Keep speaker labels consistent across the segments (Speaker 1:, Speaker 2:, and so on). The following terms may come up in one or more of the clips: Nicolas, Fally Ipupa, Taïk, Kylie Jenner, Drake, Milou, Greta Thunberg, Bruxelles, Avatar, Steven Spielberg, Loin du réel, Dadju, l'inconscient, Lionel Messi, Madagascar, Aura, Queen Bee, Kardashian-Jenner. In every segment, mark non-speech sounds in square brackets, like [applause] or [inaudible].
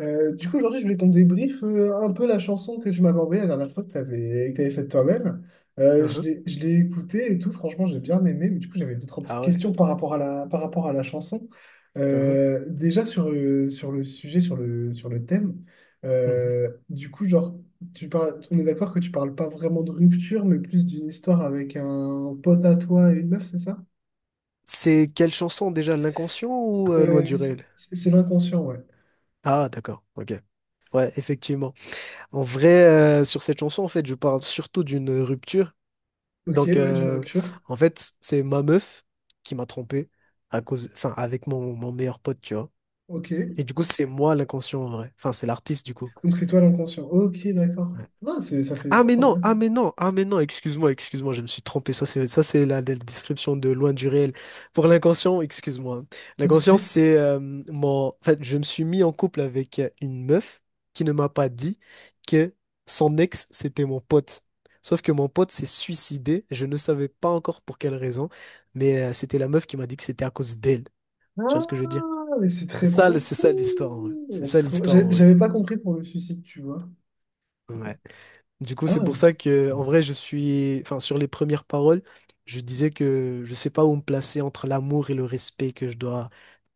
Speaker 1: Du coup, aujourd'hui, je voulais qu'on débriefe un peu la chanson que tu m'avais envoyée la dernière fois que que t'avais faite toi-même.
Speaker 2: Uhum.
Speaker 1: Je l'ai écoutée et tout, franchement, j'ai bien aimé. Mais du coup, j'avais deux, trois petites
Speaker 2: Ah ouais.
Speaker 1: questions par rapport à la chanson.
Speaker 2: Uhum.
Speaker 1: Déjà, sur le sujet, sur le thème,
Speaker 2: Mhm.
Speaker 1: du coup, genre, on est d'accord que tu parles pas vraiment de rupture, mais plus d'une histoire avec un pote à toi et une meuf, c'est ça?
Speaker 2: C'est quelle chanson déjà, L'inconscient ou Loin
Speaker 1: Euh,
Speaker 2: du réel?
Speaker 1: c'est l'inconscient, ouais.
Speaker 2: Ah d'accord, ok. Ouais, effectivement. En vrai, sur cette chanson, en fait, je parle surtout d'une rupture.
Speaker 1: Ok,
Speaker 2: Donc,
Speaker 1: ouais, d'une rupture.
Speaker 2: en fait, c'est ma meuf qui m'a trompé à cause, enfin, avec mon meilleur pote, tu vois.
Speaker 1: Ok.
Speaker 2: Et du coup, c'est moi l'inconscient en vrai. Enfin, c'est l'artiste du coup.
Speaker 1: Donc c'est toi l'inconscient. Ok, d'accord. Ah, ça fait
Speaker 2: Ah
Speaker 1: sens
Speaker 2: mais
Speaker 1: en
Speaker 2: non,
Speaker 1: vrai.
Speaker 2: ah mais non, ah mais non, excuse-moi, excuse-moi, je me suis trompé. Ça c'est la description de Loin du réel. Pour L'inconscient, excuse-moi.
Speaker 1: Pas de
Speaker 2: L'inconscient,
Speaker 1: souci.
Speaker 2: c'est en fait, je me suis mis en couple avec une meuf qui ne m'a pas dit que son ex c'était mon pote. Sauf que mon pote s'est suicidé. Je ne savais pas encore pour quelle raison, mais c'était la meuf qui m'a dit que c'était à cause d'elle. Tu vois
Speaker 1: Ah,
Speaker 2: ce que je veux dire?
Speaker 1: mais c'est
Speaker 2: C'est
Speaker 1: très
Speaker 2: ça, c'est
Speaker 1: profond.
Speaker 2: ça l'histoire en vrai. C'est ça l'histoire en vrai.
Speaker 1: J'avais pas compris pour le suicide, tu vois.
Speaker 2: Ouais. Du coup,
Speaker 1: Ah,
Speaker 2: c'est pour
Speaker 1: ouais.
Speaker 2: ça que, en vrai, je suis, enfin, sur les premières paroles, je disais que je sais pas où me placer entre l'amour et le respect que je dois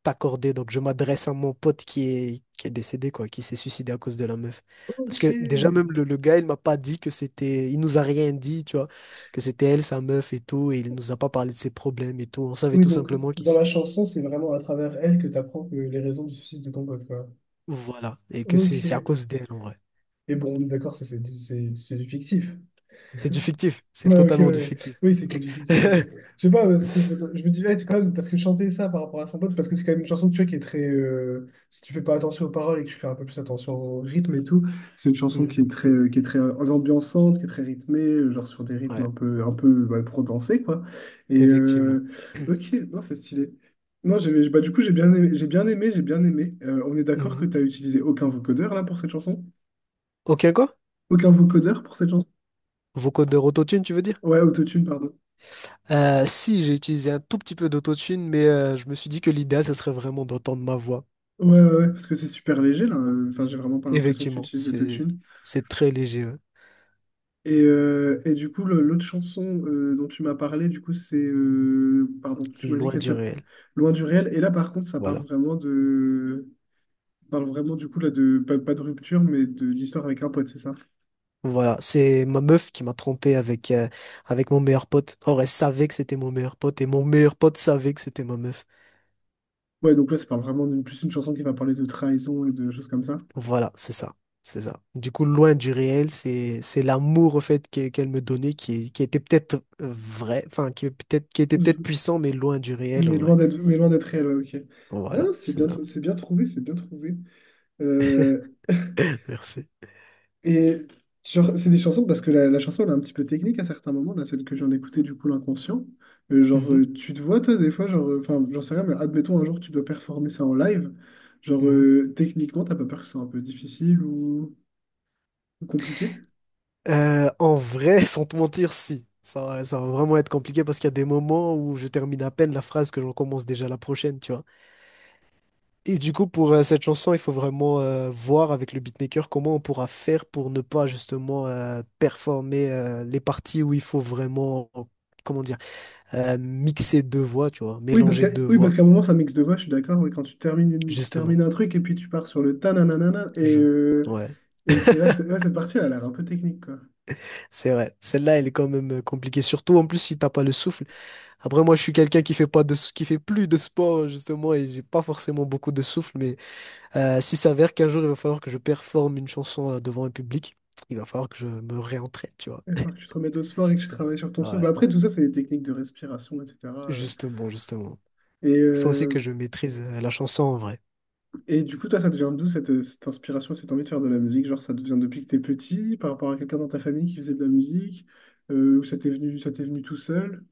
Speaker 2: t'accorder. Donc, je m'adresse à mon pote qui est décédé, quoi, qui s'est suicidé à cause de la meuf. Parce
Speaker 1: Ok.
Speaker 2: que déjà, même le gars, il m'a pas dit que c'était, il nous a rien dit, tu vois, que c'était elle, sa meuf et tout, et il nous a pas parlé de ses problèmes et tout. On savait
Speaker 1: Oui,
Speaker 2: tout
Speaker 1: donc
Speaker 2: simplement qu'il,
Speaker 1: dans la chanson, c'est vraiment à travers elle que tu apprends les raisons du suicide de ton pote, quoi.
Speaker 2: voilà, et que c'est à
Speaker 1: Ok.
Speaker 2: cause d'elle, en vrai.
Speaker 1: Et bon, on est d'accord, ça, c'est du fictif.
Speaker 2: C'est du fictif, c'est
Speaker 1: Ouais, ok, ouais.
Speaker 2: totalement du
Speaker 1: Ouais.
Speaker 2: fictif.
Speaker 1: Oui, c'est
Speaker 2: T'inquiète.
Speaker 1: que du fictif, ok.
Speaker 2: [laughs]
Speaker 1: Je sais pas, parce que je me dis, ouais, quand même, parce que chanter ça par rapport à son pote, parce que c'est quand même une chanson, tu vois, qui est très. Si tu fais pas attention aux paroles et que tu fais un peu plus attention au rythme et tout, c'est une chanson
Speaker 2: Mhm.
Speaker 1: qui est très ambiançante, qui est très rythmée, genre sur des rythmes
Speaker 2: Ouais.
Speaker 1: un peu ouais, pour danser, quoi. Et
Speaker 2: Effectivement.
Speaker 1: euh,
Speaker 2: [clears throat]
Speaker 1: ok, non, c'est stylé. Moi, bah, du coup, j'ai bien aimé, j'ai bien aimé, j'ai bien aimé. On est d'accord que
Speaker 2: Mhm.
Speaker 1: tu as utilisé aucun vocodeur là pour cette chanson?
Speaker 2: Ok, quoi?
Speaker 1: Aucun vocodeur pour cette chanson?
Speaker 2: Vocaux de rototune, tu veux dire?
Speaker 1: Ouais, autotune, pardon.
Speaker 2: Si, j'ai utilisé un tout petit peu d'autotune, mais je me suis dit que l'idéal, ça serait vraiment d'entendre ma voix.
Speaker 1: Ouais, ouais, ouais, parce que c'est super léger, là. Enfin, j'ai vraiment pas l'impression que tu
Speaker 2: Effectivement,
Speaker 1: utilises
Speaker 2: c'est
Speaker 1: l'autotune.
Speaker 2: c'est très léger, hein,
Speaker 1: Et du coup, l'autre chanson dont tu m'as parlé, du coup, pardon, tu m'as dit
Speaker 2: Loin
Speaker 1: qu'elle
Speaker 2: du
Speaker 1: s'appelle
Speaker 2: réel.
Speaker 1: Loin du réel. Et là, par contre,
Speaker 2: Voilà.
Speaker 1: ça parle vraiment, du coup, là, Pas, pas de rupture, mais de l'histoire avec un pote, c'est ça?
Speaker 2: Voilà, c'est ma meuf qui m'a trompé avec mon meilleur pote. Or, elle savait que c'était mon meilleur pote et mon meilleur pote savait que c'était ma meuf.
Speaker 1: Ouais, donc là, ça parle vraiment d'une plus une chanson qui va parler de trahison et de choses comme ça.
Speaker 2: Voilà, c'est ça. C'est ça. Du coup, Loin du réel, c'est l'amour au fait qu'elle me donnait qui était peut-être vrai, enfin qui était peut-être
Speaker 1: Mhm.
Speaker 2: puissant, mais loin du réel en vrai.
Speaker 1: Mais loin d'être réel, ouais, ok. Ah, non,
Speaker 2: Voilà, c'est ça.
Speaker 1: c'est bien trouvé, c'est bien trouvé. Euh,
Speaker 2: [laughs] Merci.
Speaker 1: Et genre, c'est des chansons parce que la chanson elle est un petit peu technique à certains moments, là, celle que j'en écoutais du coup, l'inconscient. Genre,
Speaker 2: Mhm,
Speaker 1: tu te vois, toi, des fois, genre, enfin, j'en sais rien, mais admettons un jour tu dois performer ça en live. Genre,
Speaker 2: mhm.
Speaker 1: techniquement, t'as pas peur que ce soit un peu difficile ou compliqué?
Speaker 2: En vrai, [laughs] sans te mentir, si. Ça va vraiment être compliqué parce qu'il y a des moments où je termine à peine la phrase que j'en commence déjà la prochaine, tu vois. Et du coup, pour cette chanson, il faut vraiment voir avec le beatmaker comment on pourra faire pour ne pas justement performer les parties où il faut vraiment, comment dire, mixer deux voix, tu vois,
Speaker 1: Oui,
Speaker 2: mélanger deux
Speaker 1: oui, parce
Speaker 2: voix,
Speaker 1: qu'à un moment, ça mixe de voix, je suis d'accord. Oui, quand tu
Speaker 2: justement.
Speaker 1: termines un truc et puis tu pars sur le ta-na-na-na-na
Speaker 2: Je... Ouais,
Speaker 1: Et c'est là que c'est- Ouais, cette partie, elle a l'air un peu technique, quoi.
Speaker 2: c'est vrai. Celle-là, elle est quand même compliquée, surtout en plus si t'as pas le souffle. Après, moi, je suis quelqu'un qui fait pas qui fait plus de sport, justement, et j'ai pas forcément beaucoup de souffle, mais s'il s'avère qu'un jour, il va falloir que je performe une chanson devant un public, il va falloir que je me réentraîne, tu vois.
Speaker 1: Il va falloir que tu te remettes au sport et que tu travailles sur ton souffle.
Speaker 2: Ouais.
Speaker 1: Bah, après, tout ça, c'est des techniques de respiration, etc. euh.
Speaker 2: Justement, justement.
Speaker 1: Et,
Speaker 2: Il faut aussi que
Speaker 1: euh,
Speaker 2: je maîtrise la chanson en vrai.
Speaker 1: et du coup, toi, ça te vient d'où cette inspiration, cette envie de faire de la musique? Genre, ça te vient depuis que t'es petit, par rapport à quelqu'un dans ta famille qui faisait de la musique, ou ça t'est venu tout seul?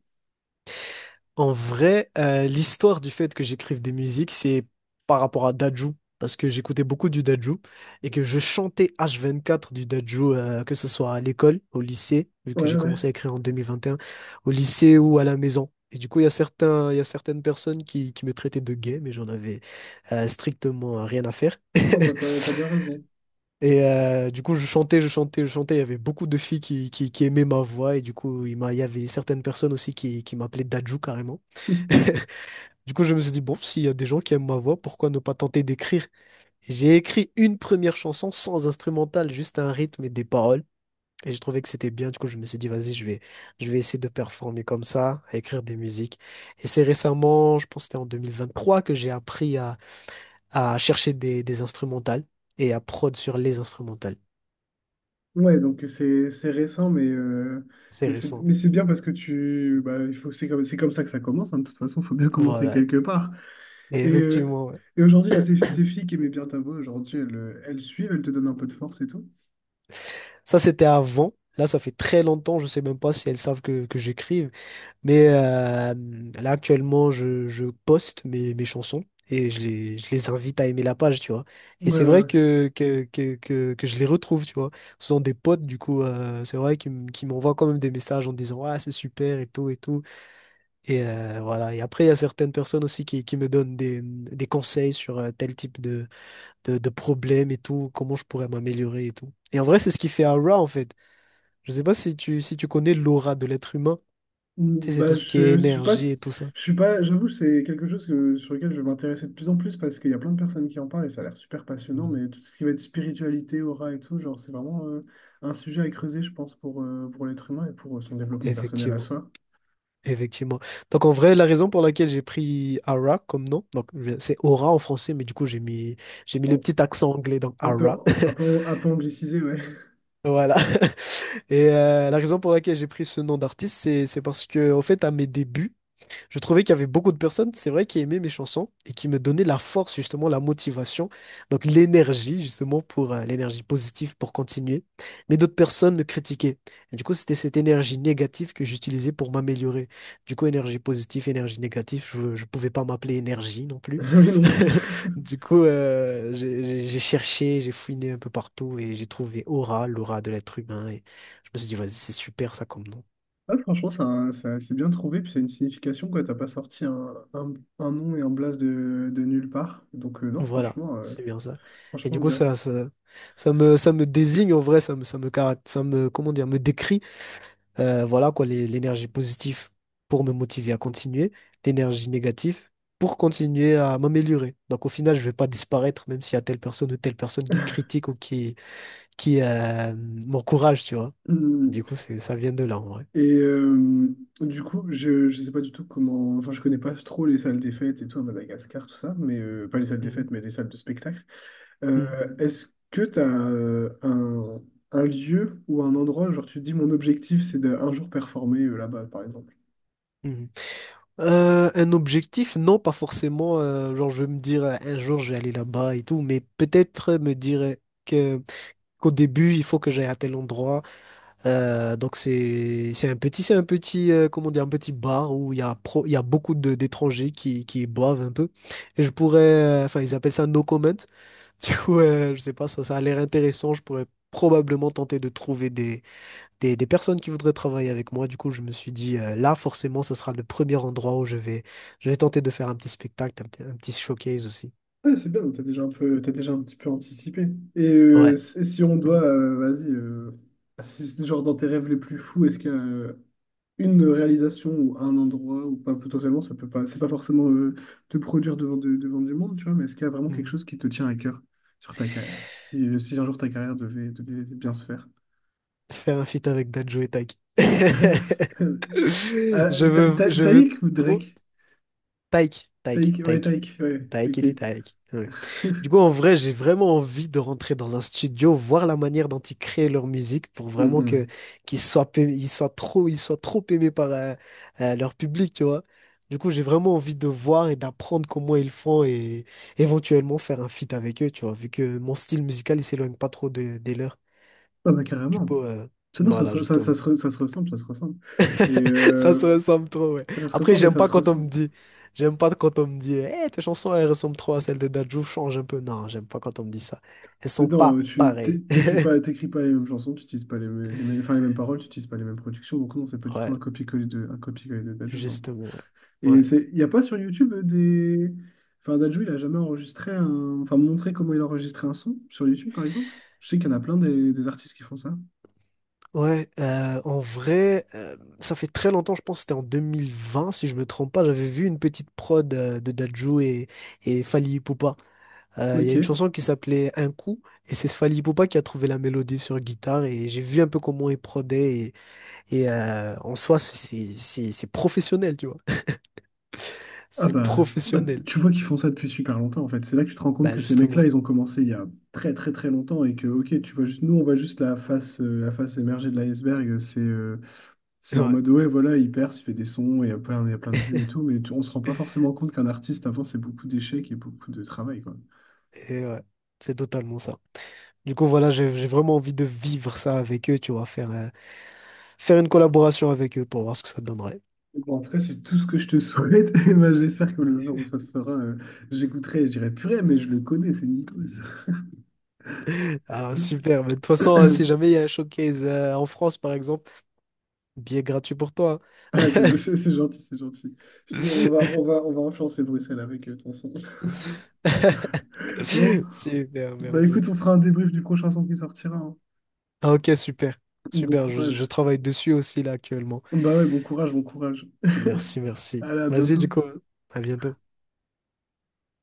Speaker 2: En vrai, l'histoire du fait que j'écrive des musiques, c'est par rapport à Dadju, parce que j'écoutais beaucoup du Dadju et que je chantais H24 du Dadju, que ce soit à l'école, au lycée, vu que
Speaker 1: Ouais,
Speaker 2: j'ai
Speaker 1: ouais.
Speaker 2: commencé à écrire en 2021, au lycée ou à la maison. Et du coup, il y a certaines personnes qui me traitaient de gay, mais j'en avais strictement rien à faire.
Speaker 1: Oh bah
Speaker 2: [laughs]
Speaker 1: t'as bien raison. [laughs]
Speaker 2: Et du coup, je chantais, je chantais, je chantais. Il y avait beaucoup de filles qui aimaient ma voix. Et du coup, il y avait certaines personnes aussi qui m'appelaient Dadju carrément. [laughs] Du coup, je me suis dit, bon, s'il y a des gens qui aiment ma voix, pourquoi ne pas tenter d'écrire? Et j'ai écrit une première chanson sans instrumental, juste un rythme et des paroles. Et j'ai trouvé que c'était bien. Du coup, je me suis dit, vas-y, je vais essayer de performer comme ça, à écrire des musiques. Et c'est récemment, je pense que c'était en 2023, que j'ai appris à chercher des instrumentales et à prod sur les instrumentales.
Speaker 1: Ouais, donc c'est récent,
Speaker 2: C'est
Speaker 1: mais c'est
Speaker 2: récent.
Speaker 1: mais c'est bien parce que tu bah, il faut c'est comme ça que ça commence, hein, de toute façon, il faut bien [laughs] commencer
Speaker 2: Voilà,
Speaker 1: quelque part.
Speaker 2: et
Speaker 1: Et, euh,
Speaker 2: effectivement. Ouais.
Speaker 1: et aujourd'hui, là, ces filles qui aimaient bien ta voix, aujourd'hui, elles suivent, elles te donnent un peu de force et tout.
Speaker 2: Ça, c'était avant. Là, ça fait très longtemps. Je sais même pas si elles savent que j'écrive. Mais là, actuellement, je poste mes chansons et je les invite à aimer la page, tu vois.
Speaker 1: Ouais,
Speaker 2: Et
Speaker 1: ouais,
Speaker 2: c'est vrai
Speaker 1: ouais.
Speaker 2: que je les retrouve, tu vois. Ce sont des potes, du coup, c'est vrai qu'ils m'envoient quand même des messages en disant, Ah, c'est super et tout et tout. Et voilà. Et après, il y a certaines personnes aussi qui me donnent des conseils sur tel type de problèmes et tout, comment je pourrais m'améliorer et tout. Et en vrai, c'est ce qui fait Aura, en fait. Je sais pas si tu connais l'aura de l'être humain. Tu
Speaker 1: Mm,
Speaker 2: sais, c'est
Speaker 1: Bah,
Speaker 2: tout ce qui est énergie et tout ça.
Speaker 1: je suis pas, j'avoue, c'est quelque chose que, sur lequel je vais m'intéresser de plus en plus parce qu'il y a plein de personnes qui en parlent et ça a l'air super passionnant.
Speaker 2: Mm.
Speaker 1: Mais tout ce qui va être spiritualité, aura et tout, genre, c'est vraiment un sujet à creuser, je pense, pour l'être humain et pour son développement personnel à
Speaker 2: Effectivement.
Speaker 1: soi.
Speaker 2: Effectivement. Donc en vrai, la raison pour laquelle j'ai pris Aura comme nom, donc c'est aura en français, mais du coup j'ai mis le
Speaker 1: En-
Speaker 2: petit accent anglais donc
Speaker 1: un peu,
Speaker 2: Aura. [laughs]
Speaker 1: un peu anglicisé, ouais,
Speaker 2: Voilà. [laughs] Et la raison pour laquelle j'ai pris ce nom d'artiste, c'est parce que au fait à mes débuts, je trouvais qu'il y avait beaucoup de personnes, c'est vrai, qui aimaient mes chansons et qui me donnaient la force, justement, la motivation, donc l'énergie, justement, pour l'énergie positive pour continuer. Mais d'autres personnes me critiquaient. Et du coup, c'était cette énergie négative que j'utilisais pour m'améliorer. Du coup, énergie positive, énergie négative, je ne pouvais pas m'appeler énergie non
Speaker 1: [laughs]
Speaker 2: plus.
Speaker 1: mais non plus.
Speaker 2: [laughs] Du coup, j'ai cherché, j'ai fouiné un peu partout et j'ai trouvé aura, l'aura de l'être humain. Et je me suis dit, vas-y, c'est super ça comme nom.
Speaker 1: Ah, franchement, c'est bien trouvé, puis c'est une signification, quoi. T'as pas sorti un nom et un blaze de nulle part. Donc, non,
Speaker 2: Voilà, c'est bien ça. Et
Speaker 1: franchement,
Speaker 2: du coup,
Speaker 1: bien.
Speaker 2: ça me désigne en vrai, ça me, comment dire, me décrit, voilà quoi, l'énergie positive pour me motiver à continuer, l'énergie négative pour continuer à m'améliorer. Donc au final, je vais pas disparaître, même s'il y a telle personne ou telle personne qui critique ou qui m'encourage, tu vois. Du coup,
Speaker 1: [laughs]
Speaker 2: ça vient de là en vrai.
Speaker 1: Et euh, du coup, je sais pas du tout comment. Enfin, je connais pas trop les salles des fêtes et tout à Madagascar, tout ça, mais pas les salles des
Speaker 2: Mhm,
Speaker 1: fêtes, mais les salles de spectacle. Euh,
Speaker 2: mhm,
Speaker 1: Est-ce que tu as un lieu ou un endroit, genre tu te dis mon objectif c'est d'un jour performer là-bas, par exemple?
Speaker 2: mhm. Un objectif, non, pas forcément. Genre, je vais me dire un jour je vais aller là-bas et tout, mais peut-être me dire que qu'au début il faut que j'aille à tel endroit. Donc c'est un petit comment dire un petit bar où il y a beaucoup de d'étrangers qui boivent un peu et je pourrais enfin ils appellent ça no comment. [laughs] Du coup, je sais pas, ça a l'air intéressant. Je pourrais probablement tenter de trouver des personnes qui voudraient travailler avec moi. Du coup, je me suis dit, là, forcément, ce sera le premier endroit où je vais tenter de faire un petit spectacle, un petit showcase aussi.
Speaker 1: Ah, c'est bien, t'as déjà un petit peu anticipé.
Speaker 2: Ouais.
Speaker 1: Si si on doit, vas-y, Si c'est genre dans tes rêves les plus fous, est-ce qu'il y a une réalisation ou un endroit ou pas potentiellement ça peut pas c'est pas forcément te produire devant devant du monde, tu vois, mais est-ce qu'il y a vraiment quelque
Speaker 2: Mhm.
Speaker 1: chose qui te tient à cœur sur ta carrière si un jour ta carrière devait bien se faire.
Speaker 2: Faire un feat avec Dadju et Taki.
Speaker 1: [laughs]
Speaker 2: [laughs] Je veux, je veux
Speaker 1: Taïk ou
Speaker 2: trop.
Speaker 1: Drake?
Speaker 2: Taïk, Taïk,
Speaker 1: Taïk, ouais,
Speaker 2: Taïk.
Speaker 1: Taïk, ouais,
Speaker 2: Taïk,
Speaker 1: ok.
Speaker 2: il est Taïk. Ouais. Du
Speaker 1: [laughs]
Speaker 2: coup, en vrai, j'ai vraiment envie de rentrer dans un studio, voir la manière dont ils créent leur musique pour vraiment que
Speaker 1: Hum.
Speaker 2: qu'ils soient, pa- ils soient trop aimés par leur public, tu vois. Du coup, j'ai vraiment envie de voir et d'apprendre comment ils font et éventuellement faire un feat avec eux, tu vois, vu que mon style musical, il s'éloigne pas trop des leurs.
Speaker 1: Ah bah
Speaker 2: Du
Speaker 1: carrément.
Speaker 2: coup,
Speaker 1: Non,
Speaker 2: voilà, justement.
Speaker 1: ça se ressemble, ça se ressemble. Et
Speaker 2: [laughs] Ça se
Speaker 1: euh,
Speaker 2: ressemble trop, ouais.
Speaker 1: Ça se
Speaker 2: Après,
Speaker 1: ressemble et ça se ressent.
Speaker 2: j'aime pas quand on me dit, eh, tes chansons, elles ressemblent trop à celles de Dadju, change un peu. Non, j'aime pas quand on me dit ça. Elles
Speaker 1: Mais
Speaker 2: sont
Speaker 1: non,
Speaker 2: pas
Speaker 1: tu t'é-
Speaker 2: pareilles. [laughs]
Speaker 1: t'écris pas les mêmes chansons, tu utilises pas les, mê- les, mêmes- enfin, les mêmes paroles, tu utilises pas les mêmes productions, donc non, c'est pas du tout
Speaker 2: Ouais,
Speaker 1: un copier-coller de Dadju, non.
Speaker 2: justement, ouais.
Speaker 1: Et
Speaker 2: Ouais,
Speaker 1: c'est, il y a pas sur YouTube enfin Dadju, il a jamais enfin montré comment il enregistrait un son sur YouTube par exemple. Je sais qu'il y en a plein des artistes qui font ça.
Speaker 2: ouais en vrai, ça fait très longtemps, je pense que c'était en 2020, si je me trompe pas, j'avais vu une petite prod de Dadju et Fally Ipupa. Il y
Speaker 1: Ok.
Speaker 2: a une chanson qui s'appelait Un coup, et c'est Fally Ipupa qui a trouvé la mélodie sur guitare, et j'ai vu un peu comment il prodait, et en soi, c'est professionnel, tu vois. [laughs]
Speaker 1: Ah
Speaker 2: C'est
Speaker 1: bah,
Speaker 2: professionnel.
Speaker 1: tu vois qu'ils font ça depuis super longtemps en fait. C'est là que tu te rends compte
Speaker 2: Bah
Speaker 1: que ces mecs-là,
Speaker 2: justement.
Speaker 1: ils ont commencé il y a très très très longtemps et que ok, on voit juste la face émergée de l'iceberg. C'est en
Speaker 2: Ouais.
Speaker 1: mode, ouais, voilà, il perce, il fait des sons, et il y a plein de vues et tout, mais on se rend pas forcément compte qu'un artiste, avant, c'est beaucoup d'échecs et beaucoup de travail, quoi.
Speaker 2: Et ouais. C'est totalement ça. Du coup, voilà, j'ai vraiment envie de vivre ça avec eux, tu vois, faire une collaboration avec eux pour voir ce que ça donnerait.
Speaker 1: Bon, en tout cas, c'est tout ce que je te souhaite. [laughs] Et ben, j'espère que le jour où ça se fera, j'écouterai et je dirai, purée, mais je le connais, c'est Nicolas.
Speaker 2: [laughs] Ah, super. Mais
Speaker 1: [laughs]
Speaker 2: de toute façon, si jamais il y a un showcase en France, par exemple, billet gratuit pour toi. Hein.
Speaker 1: Ah, c'est gentil, c'est gentil. Je te dis,
Speaker 2: [laughs]
Speaker 1: on va influencer Bruxelles avec ton son. [laughs] Bon,
Speaker 2: Super,
Speaker 1: bah
Speaker 2: merci.
Speaker 1: écoute, on fera un débrief du prochain son qui sortira, hein.
Speaker 2: Ah, ok, super.
Speaker 1: Bon
Speaker 2: Super, je
Speaker 1: courage.
Speaker 2: travaille dessus aussi là actuellement.
Speaker 1: Bah ouais, bon courage, bon courage.
Speaker 2: Merci, merci.
Speaker 1: Allez, à
Speaker 2: Vas-y, du
Speaker 1: bientôt.
Speaker 2: coup, à bientôt.